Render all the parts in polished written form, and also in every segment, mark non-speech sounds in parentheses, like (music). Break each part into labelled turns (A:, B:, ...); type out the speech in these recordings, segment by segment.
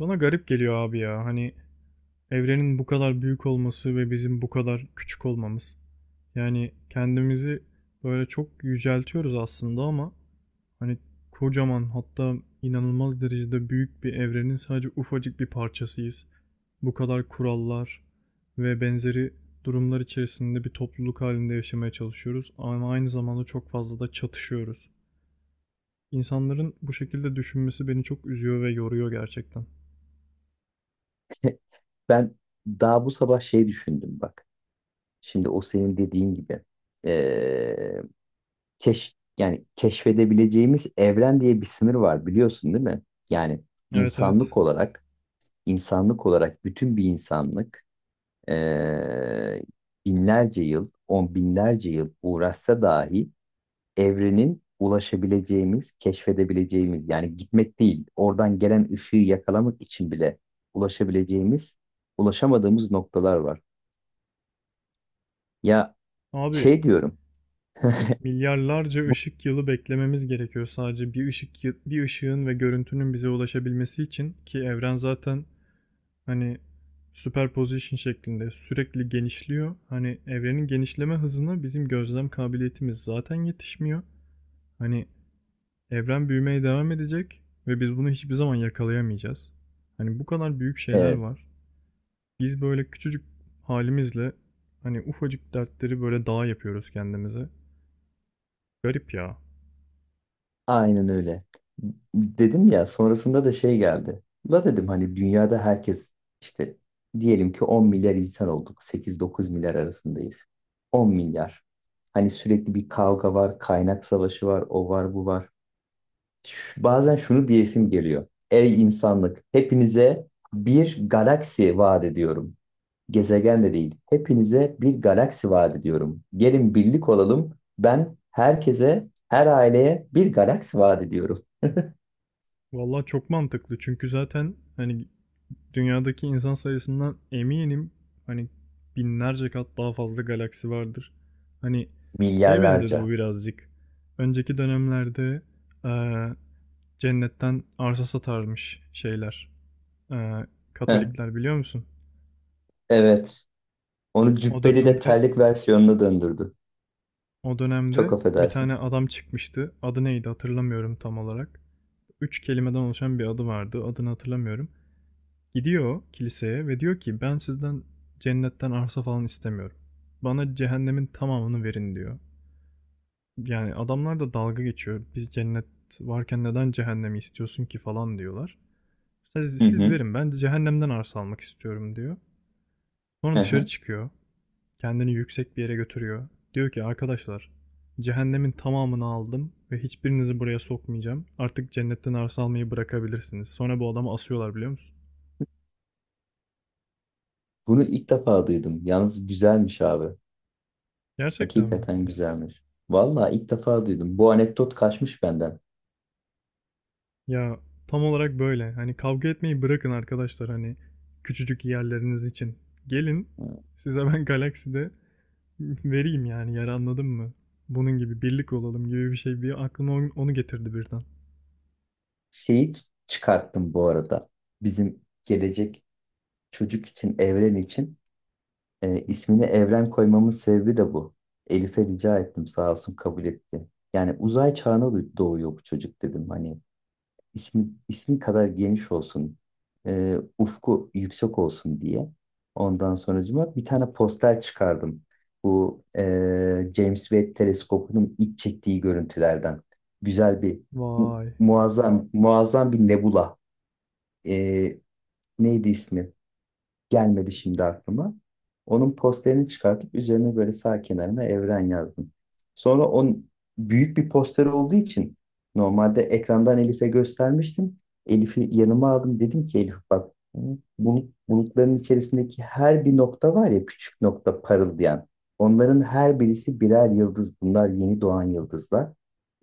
A: Bana garip geliyor abi ya. Hani evrenin bu kadar büyük olması ve bizim bu kadar küçük olmamız. Yani kendimizi böyle çok yüceltiyoruz aslında ama hani kocaman hatta inanılmaz derecede büyük bir evrenin sadece ufacık bir parçasıyız. Bu kadar kurallar ve benzeri durumlar içerisinde bir topluluk halinde yaşamaya çalışıyoruz ama aynı zamanda çok fazla da çatışıyoruz. İnsanların bu şekilde düşünmesi beni çok üzüyor ve yoruyor gerçekten.
B: (laughs) Ben daha bu sabah şey düşündüm bak. Şimdi o senin dediğin gibi eee, yani keşfedebileceğimiz evren diye bir sınır var biliyorsun değil mi? Yani
A: Evet evet.
B: insanlık olarak insanlık olarak bütün bir insanlık eee, binlerce yıl on binlerce yıl uğraşsa dahi evrenin ulaşabileceğimiz keşfedebileceğimiz yani gitmek değil oradan gelen ışığı yakalamak için bile ulaşabileceğimiz ulaşamadığımız noktalar var. Ya
A: Abi
B: şey diyorum.
A: milyarlarca ışık yılı beklememiz gerekiyor sadece bir ışığın ve görüntünün bize ulaşabilmesi için ki evren zaten hani superposition şeklinde sürekli genişliyor. Hani evrenin genişleme hızına bizim gözlem kabiliyetimiz zaten yetişmiyor. Hani evren büyümeye devam edecek ve biz bunu hiçbir zaman yakalayamayacağız. Hani bu kadar büyük şeyler
B: Evet,
A: var. Biz böyle küçücük halimizle hani ufacık dertleri böyle dağ yapıyoruz kendimize. Garip ya.
B: aynen öyle. Dedim ya sonrasında da şey geldi. La dedim hani dünyada herkes işte diyelim ki 10 milyar insan olduk. 8-9 milyar arasındayız. 10 milyar. Hani sürekli bir kavga var, kaynak savaşı var, o var, bu var. Bazen şunu diyesim geliyor. Ey insanlık, hepinize bir galaksi vaat ediyorum. Gezegen de değil. Hepinize bir galaksi vaat ediyorum. Gelin birlik olalım. Ben herkese, her aileye bir galaksi vaat ediyorum.
A: Vallahi çok mantıklı çünkü zaten hani dünyadaki insan sayısından eminim hani binlerce kat daha fazla galaksi vardır. Hani şeye benzedi bu
B: Milyarlarca.
A: birazcık. Önceki dönemlerde eee, cennetten arsa satarmış şeyler. Eee,
B: Heh,
A: Katolikler biliyor musun?
B: evet. Onu
A: O
B: cübbeli de
A: dönemde
B: terlik versiyonuna döndürdü.
A: o
B: Çok
A: dönemde bir tane
B: affedersin.
A: adam çıkmıştı. Adı neydi hatırlamıyorum tam olarak. Üç kelimeden oluşan bir adı vardı. Adını hatırlamıyorum. Gidiyor kiliseye ve diyor ki ben sizden cennetten arsa falan istemiyorum. Bana cehennemin tamamını verin diyor. Yani adamlar da dalga geçiyor. Biz cennet varken neden cehennemi istiyorsun ki falan diyorlar. Siz,
B: Hı
A: siz
B: hı,
A: verin ben cehennemden arsa almak istiyorum diyor. Sonra
B: hı
A: dışarı
B: hı.
A: çıkıyor. Kendini yüksek bir yere götürüyor. Diyor ki arkadaşlar cehennemin tamamını aldım ve hiçbirinizi buraya sokmayacağım. Artık cennetten arsa almayı bırakabilirsiniz. Sonra bu adamı asıyorlar biliyor musun?
B: Bunu ilk defa duydum. Yalnız güzelmiş abi.
A: Gerçekten mi?
B: Hakikaten güzelmiş. Vallahi ilk defa duydum. Bu anekdot kaçmış benden.
A: Ya tam olarak böyle. Hani kavga etmeyi bırakın arkadaşlar hani küçücük yerleriniz için. Gelin size ben galakside (laughs) vereyim yani yer anladın mı? Bunun gibi birlik olalım gibi bir şey bir aklıma onu getirdi birden.
B: Şeyi çıkarttım bu arada. Bizim gelecek çocuk için, evren için. İsmini Evren koymamın sebebi de bu. Elif'e rica ettim sağ olsun kabul etti. Yani uzay çağına doğuyor bu çocuk dedim. Hani ismi kadar geniş olsun, ufku yüksek olsun diye. Ondan sonracıma bir tane poster çıkardım. Bu James Webb teleskopunun ilk çektiği görüntülerden. Güzel bir,
A: Vay.
B: muazzam, muazzam bir nebula. E, neydi ismi? Gelmedi şimdi aklıma. Onun posterini çıkartıp üzerine böyle sağ kenarına Evren yazdım. Sonra büyük bir poster olduğu için normalde ekrandan Elif'e göstermiştim. Elif'i yanıma aldım. Dedim ki Elif bak bulutların içerisindeki her bir nokta var ya küçük nokta parıldayan. Onların her birisi birer yıldız. Bunlar yeni doğan yıldızlar.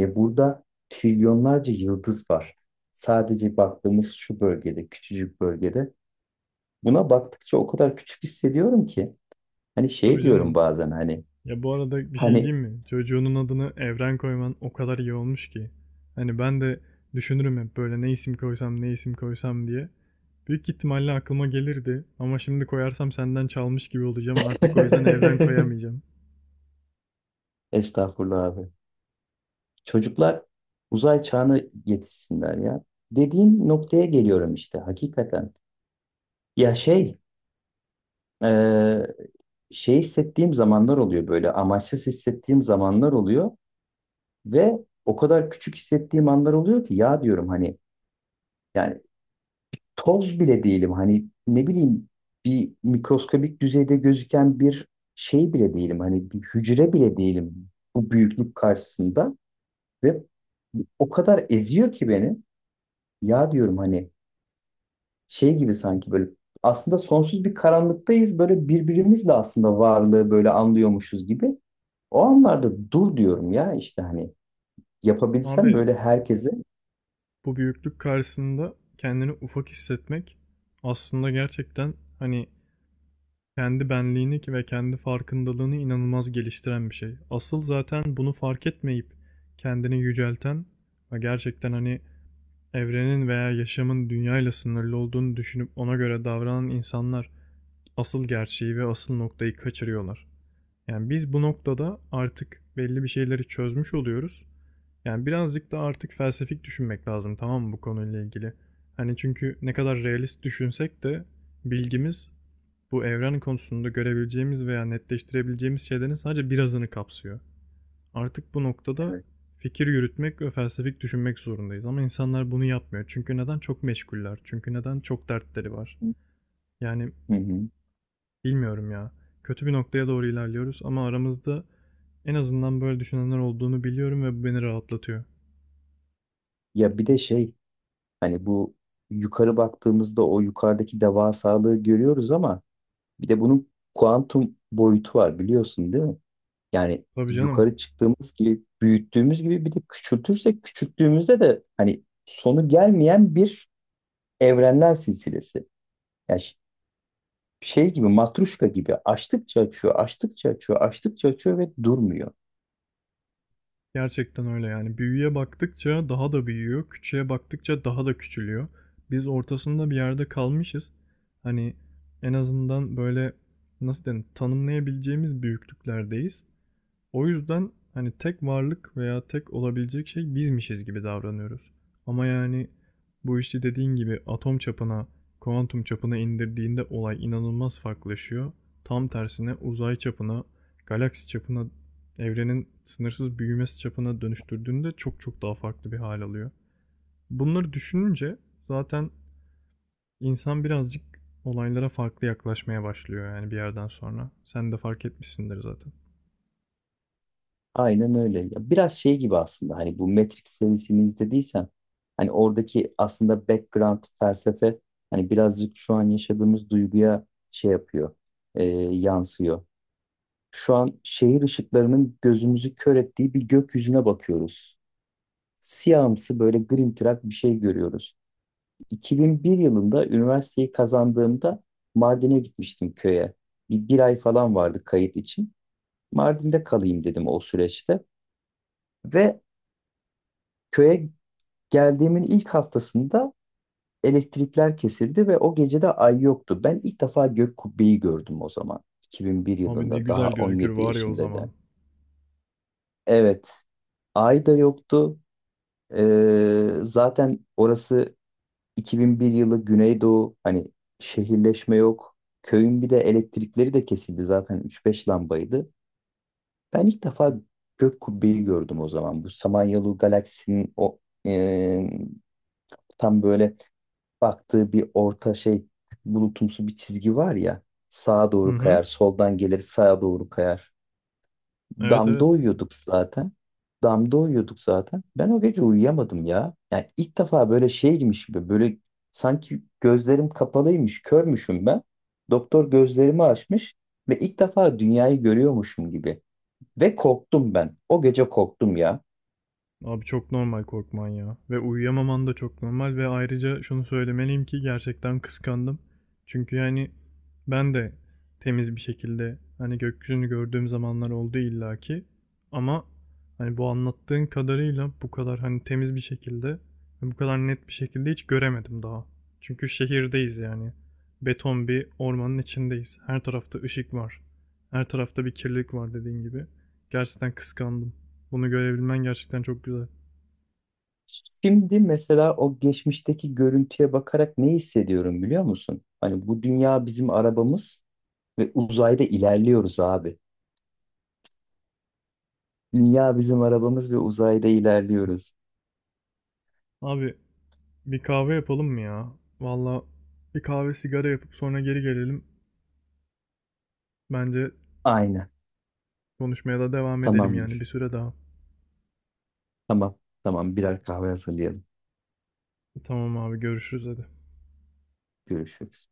B: Ve burada trilyonlarca yıldız var. Sadece baktığımız şu bölgede, küçücük bölgede. Buna baktıkça o kadar küçük hissediyorum ki. Hani şey
A: Tabii
B: diyorum
A: canım.
B: bazen hani.
A: Ya bu arada bir şey
B: Hani
A: diyeyim mi? Çocuğunun adını Evren koyman o kadar iyi olmuş ki. Hani ben de düşünürüm hep böyle ne isim koysam ne isim koysam diye. Büyük ihtimalle aklıma gelirdi ama şimdi koyarsam senden çalmış gibi olacağım. Artık o yüzden evren
B: (laughs)
A: koyamayacağım.
B: estağfurullah abi. Çocuklar uzay çağına yetişsinler ya. Dediğin noktaya geliyorum işte hakikaten. Ya şey e, şey hissettiğim zamanlar oluyor böyle amaçsız hissettiğim zamanlar oluyor ve o kadar küçük hissettiğim anlar oluyor ki ya diyorum hani yani toz bile değilim. Hani ne bileyim bir mikroskobik düzeyde gözüken bir şey bile değilim. Hani bir hücre bile değilim bu büyüklük karşısında ve o kadar eziyor ki beni. Ya diyorum hani şey gibi sanki böyle aslında sonsuz bir karanlıktayız. Böyle birbirimizle aslında varlığı böyle anlıyormuşuz gibi. O anlarda dur diyorum ya işte hani yapabilsem
A: Abi
B: böyle herkese.
A: bu büyüklük karşısında kendini ufak hissetmek aslında gerçekten hani kendi benliğini ve kendi farkındalığını inanılmaz geliştiren bir şey. Asıl zaten bunu fark etmeyip kendini yücelten ve gerçekten hani evrenin veya yaşamın dünyayla sınırlı olduğunu düşünüp ona göre davranan insanlar asıl gerçeği ve asıl noktayı kaçırıyorlar. Yani biz bu noktada artık belli bir şeyleri çözmüş oluyoruz. Yani birazcık da artık felsefik düşünmek lazım tamam mı bu konuyla ilgili? Hani çünkü ne kadar realist düşünsek de bilgimiz bu evren konusunda görebileceğimiz veya netleştirebileceğimiz şeylerin sadece birazını kapsıyor. Artık bu noktada
B: Evet.
A: fikir yürütmek ve felsefik düşünmek zorundayız. Ama insanlar bunu yapmıyor. Çünkü neden? Çok meşguller. Çünkü neden? Çok dertleri var. Yani
B: Hı hı.
A: bilmiyorum ya. Kötü bir noktaya doğru ilerliyoruz ama aramızda en azından böyle düşünenler olduğunu biliyorum ve bu beni rahatlatıyor.
B: Ya bir de şey. Hani bu yukarı baktığımızda o yukarıdaki devasalığı görüyoruz ama bir de bunun kuantum boyutu var biliyorsun değil mi? Yani
A: Tabii canım.
B: yukarı çıktığımız gibi büyüttüğümüz gibi bir de küçültürsek küçülttüğümüzde de hani sonu gelmeyen bir evrenler silsilesi. Yani şey gibi matruşka gibi açtıkça açıyor, açtıkça açıyor, açtıkça açıyor ve durmuyor.
A: Gerçekten öyle yani. Büyüye baktıkça daha da büyüyor, küçüğe baktıkça daha da küçülüyor. Biz ortasında bir yerde kalmışız. Hani en azından böyle nasıl denir tanımlayabileceğimiz büyüklüklerdeyiz. O yüzden hani tek varlık veya tek olabilecek şey bizmişiz gibi davranıyoruz. Ama yani bu işi dediğin gibi atom çapına, kuantum çapına indirdiğinde olay inanılmaz farklılaşıyor. Tam tersine uzay çapına, galaksi çapına, evrenin sınırsız büyümesi çapına dönüştürdüğünde çok çok daha farklı bir hal alıyor. Bunları düşününce zaten insan birazcık olaylara farklı yaklaşmaya başlıyor yani bir yerden sonra. Sen de fark etmişsindir zaten.
B: Aynen öyle. Ya biraz şey gibi aslında hani bu Matrix serisini izlediysen hani oradaki aslında background felsefe hani birazcık şu an yaşadığımız duyguya şey yapıyor, yansıyor. Şu an şehir ışıklarının gözümüzü kör ettiği bir gökyüzüne bakıyoruz. Siyahımsı böyle grimtırak bir şey görüyoruz. 2001 yılında üniversiteyi kazandığımda Mardin'e gitmiştim köye. Bir ay falan vardı kayıt için. Mardin'de kalayım dedim o süreçte. Ve köye geldiğimin ilk haftasında elektrikler kesildi ve o gece de ay yoktu. Ben ilk defa gök kubbeyi gördüm o zaman. 2001
A: Abi ne
B: yılında daha
A: güzel gözükür
B: 17
A: var ya o
B: yaşındayken.
A: zaman.
B: Evet, ay da yoktu. Zaten orası 2001 yılı Güneydoğu hani şehirleşme yok. Köyün bir de elektrikleri de kesildi zaten 3-5 lambaydı. Ben ilk defa gök kubbeyi gördüm o zaman. Bu Samanyolu galaksinin o ee, tam böyle baktığı bir orta şey bulutumsu bir çizgi var ya. Sağa
A: Hı
B: doğru
A: hı.
B: kayar, soldan gelir, sağa doğru kayar.
A: Evet
B: Damda
A: evet.
B: uyuyorduk zaten. Damda uyuyorduk zaten. Ben o gece uyuyamadım ya. Yani ilk defa böyle şey girmiş gibi böyle sanki gözlerim kapalıymış, körmüşüm ben. Doktor gözlerimi açmış ve ilk defa dünyayı görüyormuşum gibi. Ve korktum ben. O gece korktum ya.
A: Abi çok normal korkman ya. Ve uyuyamaman da çok normal ve ayrıca şunu söylemeliyim ki gerçekten kıskandım. Çünkü yani ben de temiz bir şekilde hani gökyüzünü gördüğüm zamanlar oldu illaki. Ama hani bu anlattığın kadarıyla bu kadar hani temiz bir şekilde ve bu kadar net bir şekilde hiç göremedim daha. Çünkü şehirdeyiz yani. Beton bir ormanın içindeyiz. Her tarafta ışık var. Her tarafta bir kirlilik var dediğin gibi. Gerçekten kıskandım. Bunu görebilmen gerçekten çok güzel.
B: Şimdi mesela o geçmişteki görüntüye bakarak ne hissediyorum biliyor musun? Hani bu dünya bizim arabamız ve uzayda ilerliyoruz abi. Dünya bizim arabamız ve uzayda ilerliyoruz.
A: Abi bir kahve yapalım mı ya? Valla bir kahve sigara yapıp sonra geri gelelim. Bence
B: Aynen.
A: konuşmaya da devam edelim yani bir
B: Tamamdır.
A: süre daha.
B: Tamam. Tamam. Birer kahve hazırlayalım.
A: Tamam abi görüşürüz hadi.
B: Görüşürüz.